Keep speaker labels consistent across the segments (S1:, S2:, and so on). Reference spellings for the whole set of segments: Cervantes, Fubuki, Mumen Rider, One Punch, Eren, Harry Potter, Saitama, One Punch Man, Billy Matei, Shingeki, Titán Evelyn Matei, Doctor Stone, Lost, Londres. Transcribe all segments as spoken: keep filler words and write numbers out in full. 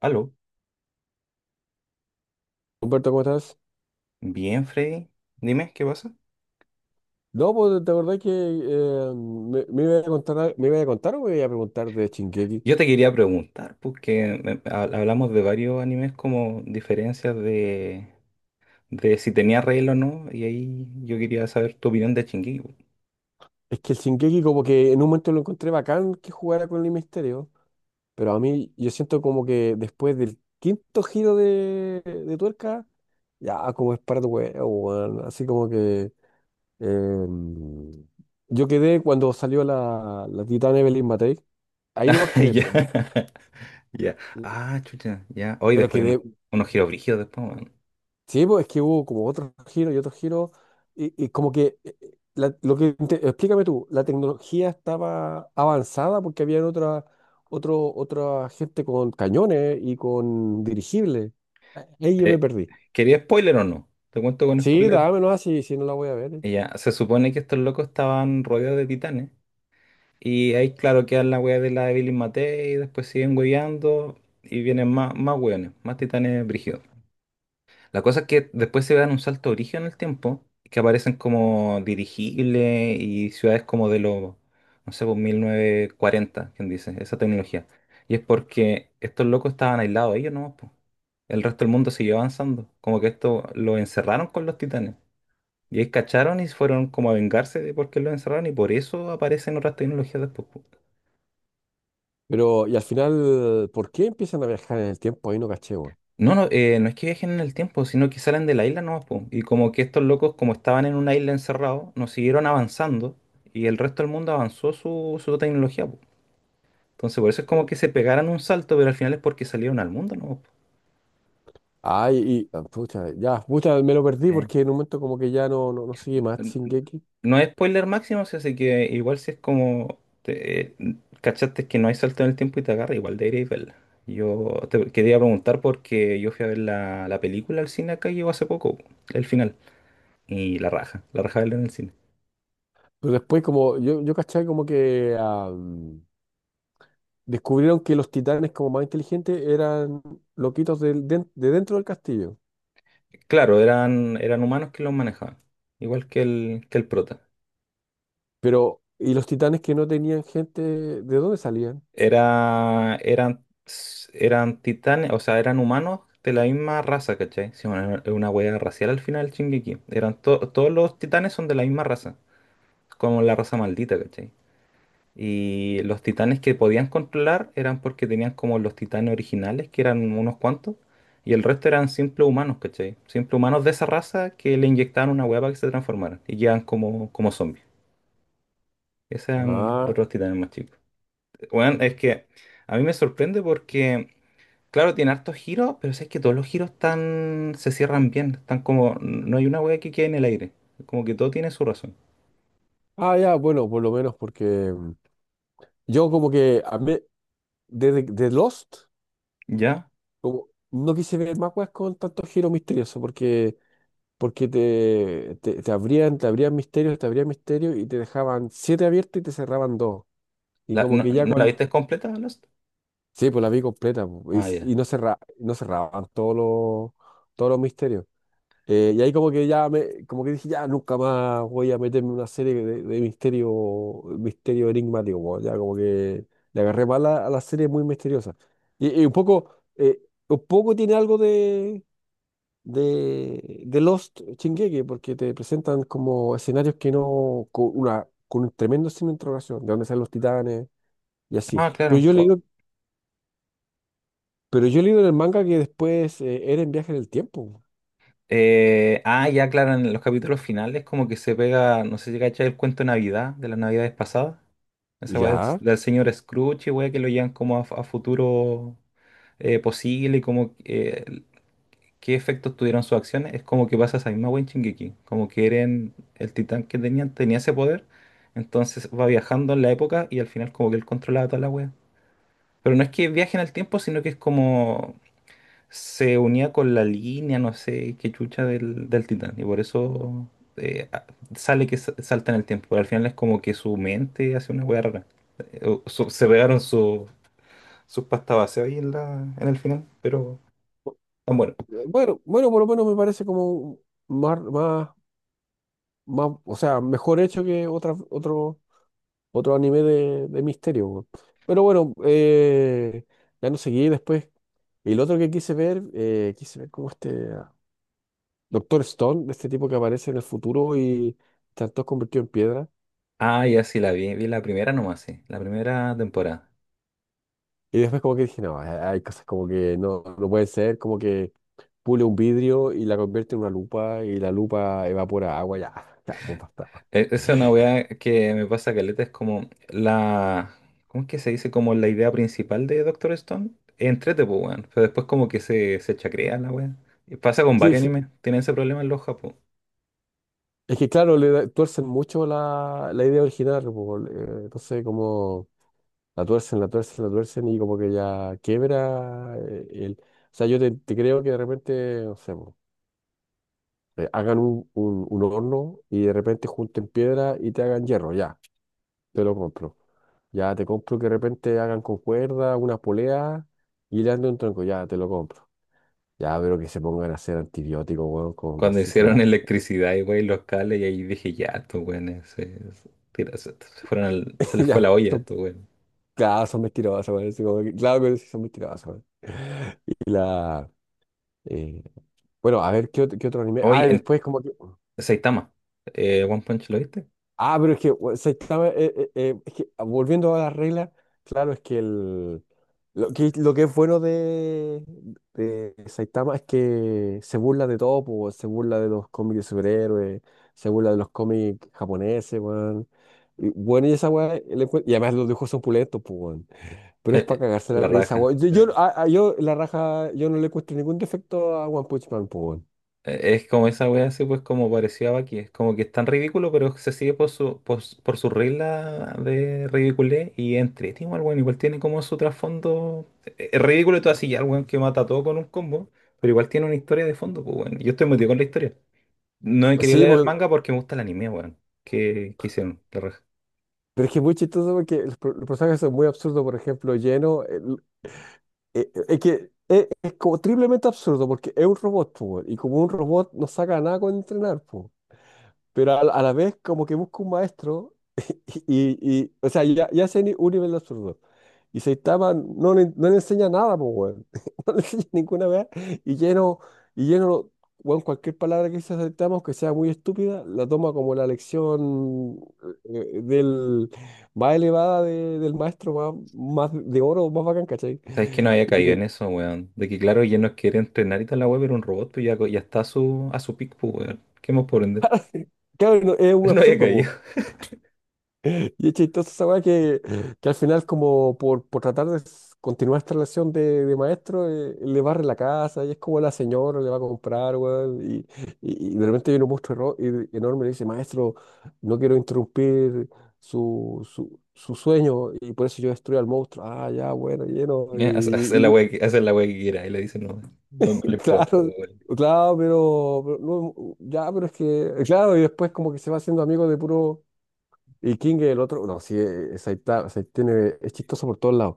S1: Aló,
S2: Humberto, ¿cómo estás?
S1: bien, Freddy. Dime, ¿qué pasa?
S2: No, pues te acordás que eh, me, me iba a contar, al- me iba a contar o me iba a preguntar de Shingeki.
S1: Yo te quería preguntar, porque me- ha- hablamos de varios animes como diferencias de, de si tenía regla o no, y ahí yo quería saber tu opinión de Shingeki, po.
S2: Es que el Shingeki como que en un momento lo encontré bacán que jugara con el misterio, pero a mí yo siento como que después del quinto giro de, de tuerca, ya como es para tu huevo, weón. Así como que eh, yo quedé cuando salió la, la Titán Evelyn Matei, ahí nomás quedé,
S1: Ya,
S2: pero,
S1: ya. Ah, chucha, ya. Hoy
S2: pero
S1: después hay unos,
S2: quedé.
S1: unos giros brígidos después, weón.
S2: Sí, pues es que hubo como otros giros y otros giros, y, y como que, eh, eh, la- lo que, inte- explícame tú, la tecnología estaba avanzada porque había otra, otro, otra gente con cañones y con dirigibles. Ah, ahí yo me
S1: Eh,
S2: perdí.
S1: ¿Quería spoiler o no? Te cuento con
S2: Sí,
S1: spoiler.
S2: dámelo así, si no la voy a ver. eh.
S1: Ya, se supone que estos locos estaban rodeados de titanes. Y ahí, claro, queda la wea de la de Billy Matei, y después siguen hueveando y vienen más, más hueones, más titanes brígidos. La cosa es que después se dan un salto origen en el tiempo, que aparecen como dirigibles y ciudades como de los, no sé, pues mil novecientos cuarenta quien dice, esa tecnología. Y es porque estos locos estaban aislados ellos nomás, po. El resto del mundo siguió avanzando. Como que esto lo encerraron con los titanes. Y ahí cacharon y fueron como a vengarse de por qué lo encerraron y por eso aparecen otras tecnologías después, po.
S2: Pero, y al final, ¿por qué empiezan a viajar en el tiempo? Ahí no caché, weón.
S1: No, no, eh, no es que viajen en el tiempo, sino que salen de la isla nomás, po. Y como que estos locos, como estaban en una isla encerrados, nos siguieron avanzando y el resto del mundo avanzó su, su tecnología, po. Entonces, por eso es como que se pegaran un salto, pero al final es porque salieron al mundo nomás, po.
S2: Ay, y, ah, pucha, ya, pucha, me lo perdí
S1: Ok.
S2: porque en un momento como que ya no, no, no sigue más Shingeki.
S1: No es spoiler máximo, sí, así que igual si es como te- eh, cachaste que no hay salto en el tiempo y te agarra, igual deberíais verla. Yo te quería preguntar porque yo fui a ver la, la película al cine acá y llegó hace poco, el final. Y la raja, la raja verla en el cine.
S2: Pero después como, yo, yo caché como que... ah, descubrieron que los titanes como más inteligentes eran loquitos del- den- de, dentro del castillo.
S1: Claro, eran, eran humanos que los manejaban, igual que el, que el prota.
S2: Pero, ¿y los titanes que no tenían gente, de dónde salían?
S1: Era, eran, eran titanes, o sea, eran humanos de la misma raza, ¿cachai? Sí, bueno, es una hueá racial al final, el Shingeki. Eran to- todos los titanes son de la misma raza, como la raza maldita, ¿cachai? Y los titanes que podían controlar eran porque tenían como los titanes originales, que eran unos cuantos, y el resto eran simples humanos, ¿cachai? Simples humanos de esa raza que le inyectaban una hueá para que se transformaran y quedan como, como zombies. Esos eran los
S2: Ah,
S1: dos titanes más chicos. Bueno, es que a mí me sorprende porque, claro, tiene hartos giros, pero es que todos los giros están, se cierran bien. Están como, no hay una wea que quede en el aire. Como que todo tiene su razón.
S2: ah, ya, bueno, por lo menos porque mm, yo como que a mí- desde de Lost,
S1: ¿Ya?
S2: como no quise ver más weas con tanto giro misterioso, porque, porque te, te, te abrían, te abrían misterios, te abrían misterios y te dejaban siete abiertos y te cerraban dos. Y
S1: ¿La-
S2: como
S1: no,
S2: que ya.
S1: no la viste completa, Lost?
S2: Sí, pues la vi completa po, y,
S1: Ah, ya.
S2: y no cerra, no cerraban todos los, todos los misterios. Eh, y ahí como que ya me, como que dije, ya nunca más voy a meterme en una serie de, de misterio, misterio enigmático, po, ya como que le agarré mal a, a la serie muy misteriosa. Y, y un poco, eh, un poco tiene algo de, de, de Lost Shingeki, porque te presentan como escenarios que no, con una, con un tremendo signo de interrogación, de dónde salen los titanes y así.
S1: Ah,
S2: Pero
S1: claro.
S2: yo le
S1: Oh,
S2: digo. Pero yo he leído en el manga que después eh, Eren viaje en el tiempo.
S1: eh, ah, ya, claro, en los capítulos finales como que se pega, no sé si cachai el cuento de Navidad, de las Navidades pasadas. Esa wea del,
S2: Ya.
S1: del señor Scrooge y wea que lo llevan como a, a, futuro eh, posible y como eh, qué efectos tuvieron sus acciones, es como que pasa esa misma wea en Shingeki. Como que Eren, el titán que tenían, tenía ese poder, entonces va viajando en la época y al final como que él controlaba toda la wea. Pero no es que viaje en el tiempo, sino que es como se unía con la línea, no sé, qué chucha del, del titán. Y por eso eh, a- sale que sa- salta en el tiempo. Pero al final es como que su mente hace una wea rara. Eh, o su- se pegaron su- sus pastas base ahí en la, en el final, pero... ah, bueno.
S2: eh, Bueno, bueno, por lo menos me parece como más, más, más, o sea, mejor hecho que otra, otro, otro anime de, de misterio. Weón. Pero bueno, eh, ya no seguí después. Y el otro que quise ver, eh, quise ver como este ah, Doctor Stone, de este tipo que aparece en el futuro y tanto todo convertido en piedra.
S1: Ah, ya sí la vi, vi la primera nomás, sí, la primera temporada.
S2: Y después como que dije, no, hay hay cosas como que no, no pueden ser, como que pule un vidrio y la convierte en una lupa y la lupa evapora agua, ya, ya, pues basta, pues.
S1: E- Esa es una weá que me pasa caleta, es como la, ¿cómo es que se dice? Como la idea principal de Doctor Stone, entrete, pues, weón, pero después como que se, se chacrea la weá. Y pasa con
S2: Sí,
S1: varios
S2: sí,
S1: animes, tienen ese problema en los Japón.
S2: es que claro, le da- tuercen mucho la, la idea original, pues, eh, entonces como la tuercen, la tuercen, la tuercen y como que ya quiebra eh, el. O sea, yo te, te creo que de repente, no sé, pues, eh, hagan un, un, un horno y de repente junten piedra y te hagan hierro, ya, te lo compro. Ya te compro que de repente hagan con cuerda, unas poleas y le anden un tronco, ya, te lo compro. Ya, pero que se pongan a hacer antibióticos, weón, con
S1: Cuando
S2: vasija,
S1: hicieron
S2: ya.
S1: electricidad y wey, los cables, y ahí dije, ya, estos weones se, se, tira- se- se fueron al- se les fue
S2: Ya,
S1: la olla a
S2: son,
S1: estos weones.
S2: claro, son mentirosos, weón. así como que- Claro que sí son mentirosos, weón. Y la. eh, bueno, a ver, ¿qué, ot- qué otro anime?
S1: Hoy
S2: Ah, y
S1: en
S2: después como que.
S1: Saitama, eh, One Punch, ¿lo viste?
S2: Ah, pero es que, o sea, estaba, eh, eh, eh, es que, ah, volviendo a la regla, claro, es que el, lo que, lo que es bueno de, de Saitama es que se burla de todo, po, se burla de los cómics de superhéroes, se burla de los cómics japoneses, weón. Y, bueno, y esa weá, el encue- y además los dibujos son pulentos, pues, weón. Pero es
S1: Eh,
S2: para
S1: eh,
S2: cagarse la
S1: la
S2: risa,
S1: raja,
S2: weón. Yo,
S1: sí.
S2: yo, a- a- yo, la raja, yo no le encuentro ningún defecto a One Punch Man, po, weón.
S1: Eh, Es como esa wea así, pues, como parecía aquí. Es como que es tan ridículo, pero se sigue por su, por, su por su regla de ridiculez y entretenido el weón. Igual tiene como su trasfondo. eh, Es ridículo y todo así, ya el weón que mata a todo con un combo, pero igual tiene una historia de fondo, pues, weón. Yo estoy metido con la historia. No he querido
S2: Sí,
S1: leer el
S2: porque,
S1: manga porque me gusta el anime, weón. ¿Qué, qué hicieron? La raja.
S2: pero es que es muy chistoso porque los, pro- los personajes son muy absurdos. Por ejemplo, Lleno. Es, es que es, es como triplemente absurdo porque es un robot, po, weón, y como un robot no saca nada con entrenar, po. Pero a, la a la vez como que busca un maestro. Y, y- y, o sea, ya, ya se ni- un nivel de absurdo. Y Saitama no le, no le enseña nada, po, weón. No le enseña ninguna vez y lleno, y lleno, weón, cualquier palabra que dice Saitama, aunque sea muy estúpida, la toma como la lección eh, eh, del, más elevada de- del maestro, más, más de oro, más bacán, ¿cachai?
S1: ¿Sabes que no había caído en eso, weón? De que, claro, ya no quiere entrenar y toda la web, pero un robot, pues ya, co- ya está a su, a su, pico, pues, weón. ¿Qué más por vender?
S2: Claro, no, es un
S1: No había
S2: absurdo, po.
S1: caído.
S2: Y es chistoso esa weá que, que al final, como por, por tratar de s- continuar esta relación de, de maestro, eh, le barre la casa y es como la señora le va a comprar, weón. Y, y, y de repente viene un monstruo erro- y- enorme y le dice, maestro, no quiero interrumpir su, su, su sueño y por eso yo destruyo al monstruo. Ah, ya, bueno, lleno.
S1: Ya, haz- haz
S2: Y,
S1: la
S2: y-
S1: wea que, haz la wea que quiera. Y le dicen, no,
S2: y-
S1: no, no le importa,
S2: claro,
S1: weón.
S2: claro, pero, pero no, ya, pero es que, claro, y después como que se va haciendo amigo de puro. Y King, el otro, no, sí, eh, Saitama, o sea, tiene, es chistoso por todos lados.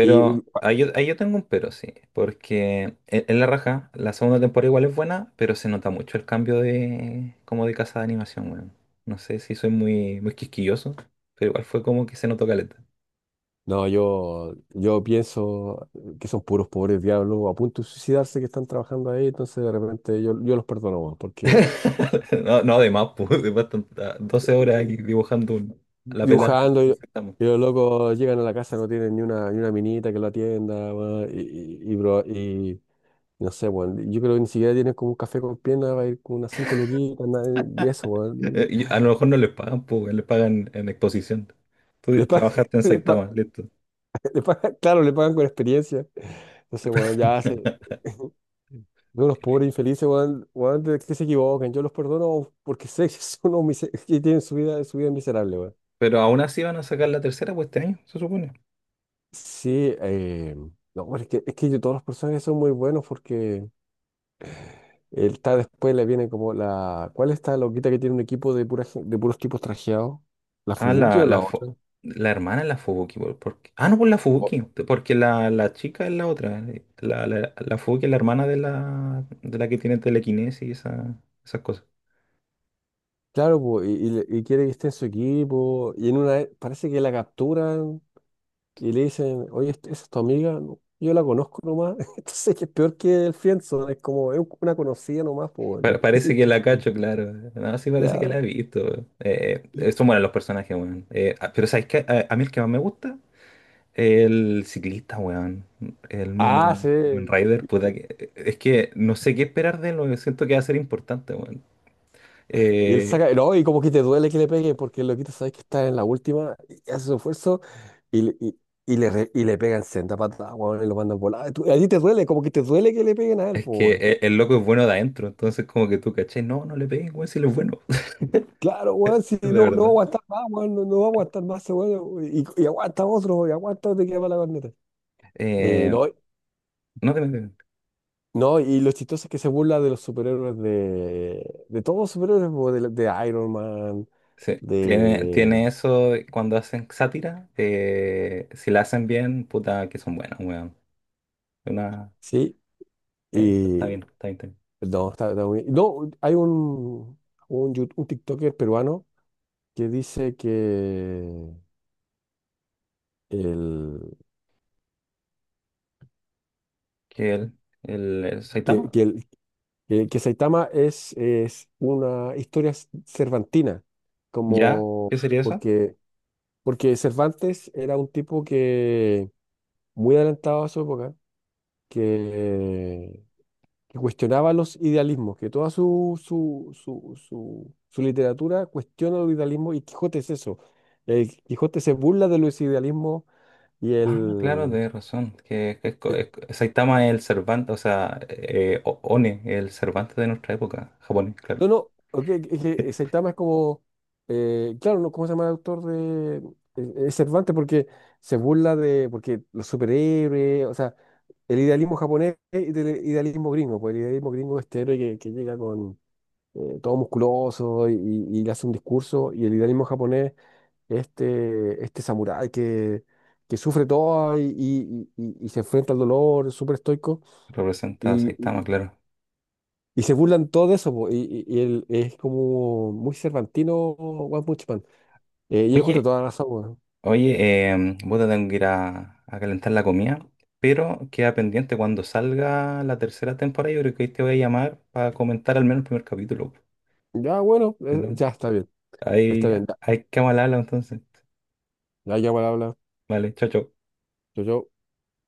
S2: Y mm,
S1: ahí yo, ahí yo, tengo un pero, sí. Porque en, en La Raja, la segunda temporada igual es buena, pero se nota mucho el cambio de como de casa de animación, weón. No sé si soy muy, muy quisquilloso, pero igual fue como que se notó caleta.
S2: no, yo, yo pienso que son puros pobres diablos a punto de suicidarse que están trabajando ahí, entonces de repente yo, yo los perdono, weón, porque
S1: No, no, de más, pues, de más tanta- doce horas ahí dibujando un- la pelada, que
S2: dibujando y,
S1: estamos.
S2: y los locos llegan a la casa, no tienen ni una, ni una minita que lo atienda, weón, y, y, y bro- y- no sé, weón, yo creo que ni siquiera tienen como un café con piernas, va a ir con unas cinco luquitas, nada, y eso,
S1: Eh,
S2: weón.
S1: y a lo mejor no les pagan, pues les pagan en exposición.
S2: Les
S1: Tú
S2: pagan.
S1: trabajaste en Saitama, listo.
S2: Le pagan- claro, le pagan con experiencia. Entonces, weón, ya se. Veo unos pobres infelices, weón, weón, de- que se equivoquen. Yo los perdono porque sé que son unos mise- que tienen su vida, su vida miserable, weón.
S1: Pero aún así van a sacar la tercera, pues este año, se supone.
S2: Sí, eh, no, pero es que, es que yo- todos los personajes son muy buenos porque él está después le viene como la. ¿Cuál es esta loquita que tiene un equipo de, pura, gen- de puros tipos trajeados? ¿La
S1: Ah,
S2: Fubuki
S1: la,
S2: o
S1: la,
S2: la
S1: fo-
S2: otra?
S1: la hermana es la Fubuki. Por- porque- ah, no, por la
S2: O-
S1: Fubuki. Porque la, la chica es la otra. eh, La, la, la Fubuki es la hermana de la, de la, que tiene telequinesis y esa- esas cosas.
S2: Claro, po, y, y le- y quiere que esté en su equipo. Y en una. Parece que la captura y le dicen, oye, ¿est- ¿esa es tu amiga? "No, yo la conozco nomás". Entonces, que es peor que el Friendzone, es como es una conocida nomás, pues.
S1: Pa- parece
S2: Sí,
S1: que la cacho, claro. eh, No, sí parece que la he
S2: ya.
S1: visto. Eh, eh, son buenos los personajes, weón. Eh, ah, pero ¿sabes qué? A, a mí el que más me gusta, el ciclista, weón. El
S2: Ah, sí.
S1: Mumen, Mumen Rider, puta que... eh, Es que no sé qué esperar de él, weón. Siento que va a ser importante, weón.
S2: Y él
S1: eh,
S2: saca, no, y como que te duele que le peguen, porque el loquito sabes que está en la última, y hace su esfuerzo y, le- y, y le, re- y le pegan senda patada, weón, y lo mandan volar. Tú- A ti te duele, como que te duele que le peguen a él,
S1: es
S2: pues,
S1: que
S2: weón.
S1: e- el, loco es bueno de adentro, entonces como que tú, ¿cachai? No, no le pegues, weón, si él es bueno,
S2: Claro, weón, si
S1: de
S2: no, no
S1: verdad.
S2: va a aguantar más, weón, no, no va a aguantar más ese weón, y, y aguanta otro, y aguanta otro y queda para la corneta. Eh,
S1: Eh,
S2: no,
S1: no te metas.
S2: No, y lo chistoso es que se burla de los superhéroes de, de todos los superhéroes, po, de, de Iron Man,
S1: Sí, tiene,
S2: de.
S1: tiene eso cuando hacen sátira, eh, si la hacen bien, puta, que son buenas, weón. Una,
S2: Sí,
S1: eh, está está
S2: y.
S1: bien, está bien, está bien.
S2: No, está, está muy- No, hay un, un, yu- un TikToker peruano que dice que, el,
S1: ¿Que el, el, el
S2: que,
S1: Saitama?
S2: que, el- que, que Saitama es, es una historia c- cervantina,
S1: ¿Ya?
S2: como
S1: ¿Qué sería eso?
S2: porque, porque Cervantes era un tipo que muy adelantado a su época que que cuestionaba los idealismos, que toda su, su, su, su, su literatura cuestiona los idealismos y Quijote es eso. El Quijote se burla de los idealismos y
S1: Ah, claro,
S2: el.
S1: de razón. Que, que es co-
S2: eh,
S1: es co- Saitama es el Cervantes, o sea, eh, O- One, el Cervantes de nuestra época, japonés, claro.
S2: no, no, ok, es que Saitama es como. Eh, claro, no, ¿cómo se llama el autor de. Eh, Es Cervantes porque se burla de. Porque los superhéroes, o sea, el idealismo japonés y del idealismo gringo, pues el idealismo gringo es este héroe que, que llega con. Eh, todo musculoso y, y- y le hace un discurso, y el idealismo japonés este, este samurái que, que sufre todo y, y- y- y se enfrenta al dolor, es súper estoico,
S1: Representa a
S2: y,
S1: Saitama,
S2: y-
S1: claro.
S2: y se burlan todo de eso, po, y, y- y él es como muy cervantino One Punch Man. Eh, y él encuentra
S1: Oye,
S2: toda la razón, weón.
S1: oye, eh, puta, tengo que ir a, a calentar la comida, pero queda pendiente cuando salga la tercera temporada. Yo creo que ahí te voy a llamar para comentar al menos el primer capítulo.
S2: Ya, bueno,
S1: Po,
S2: eh,
S1: ¿no?
S2: ya está bien, está
S1: Ahí,
S2: bien, ya,
S1: hay que hablarlo entonces.
S2: ya, ya, igual habla,
S1: Vale, chao, chao.
S2: yo, yo.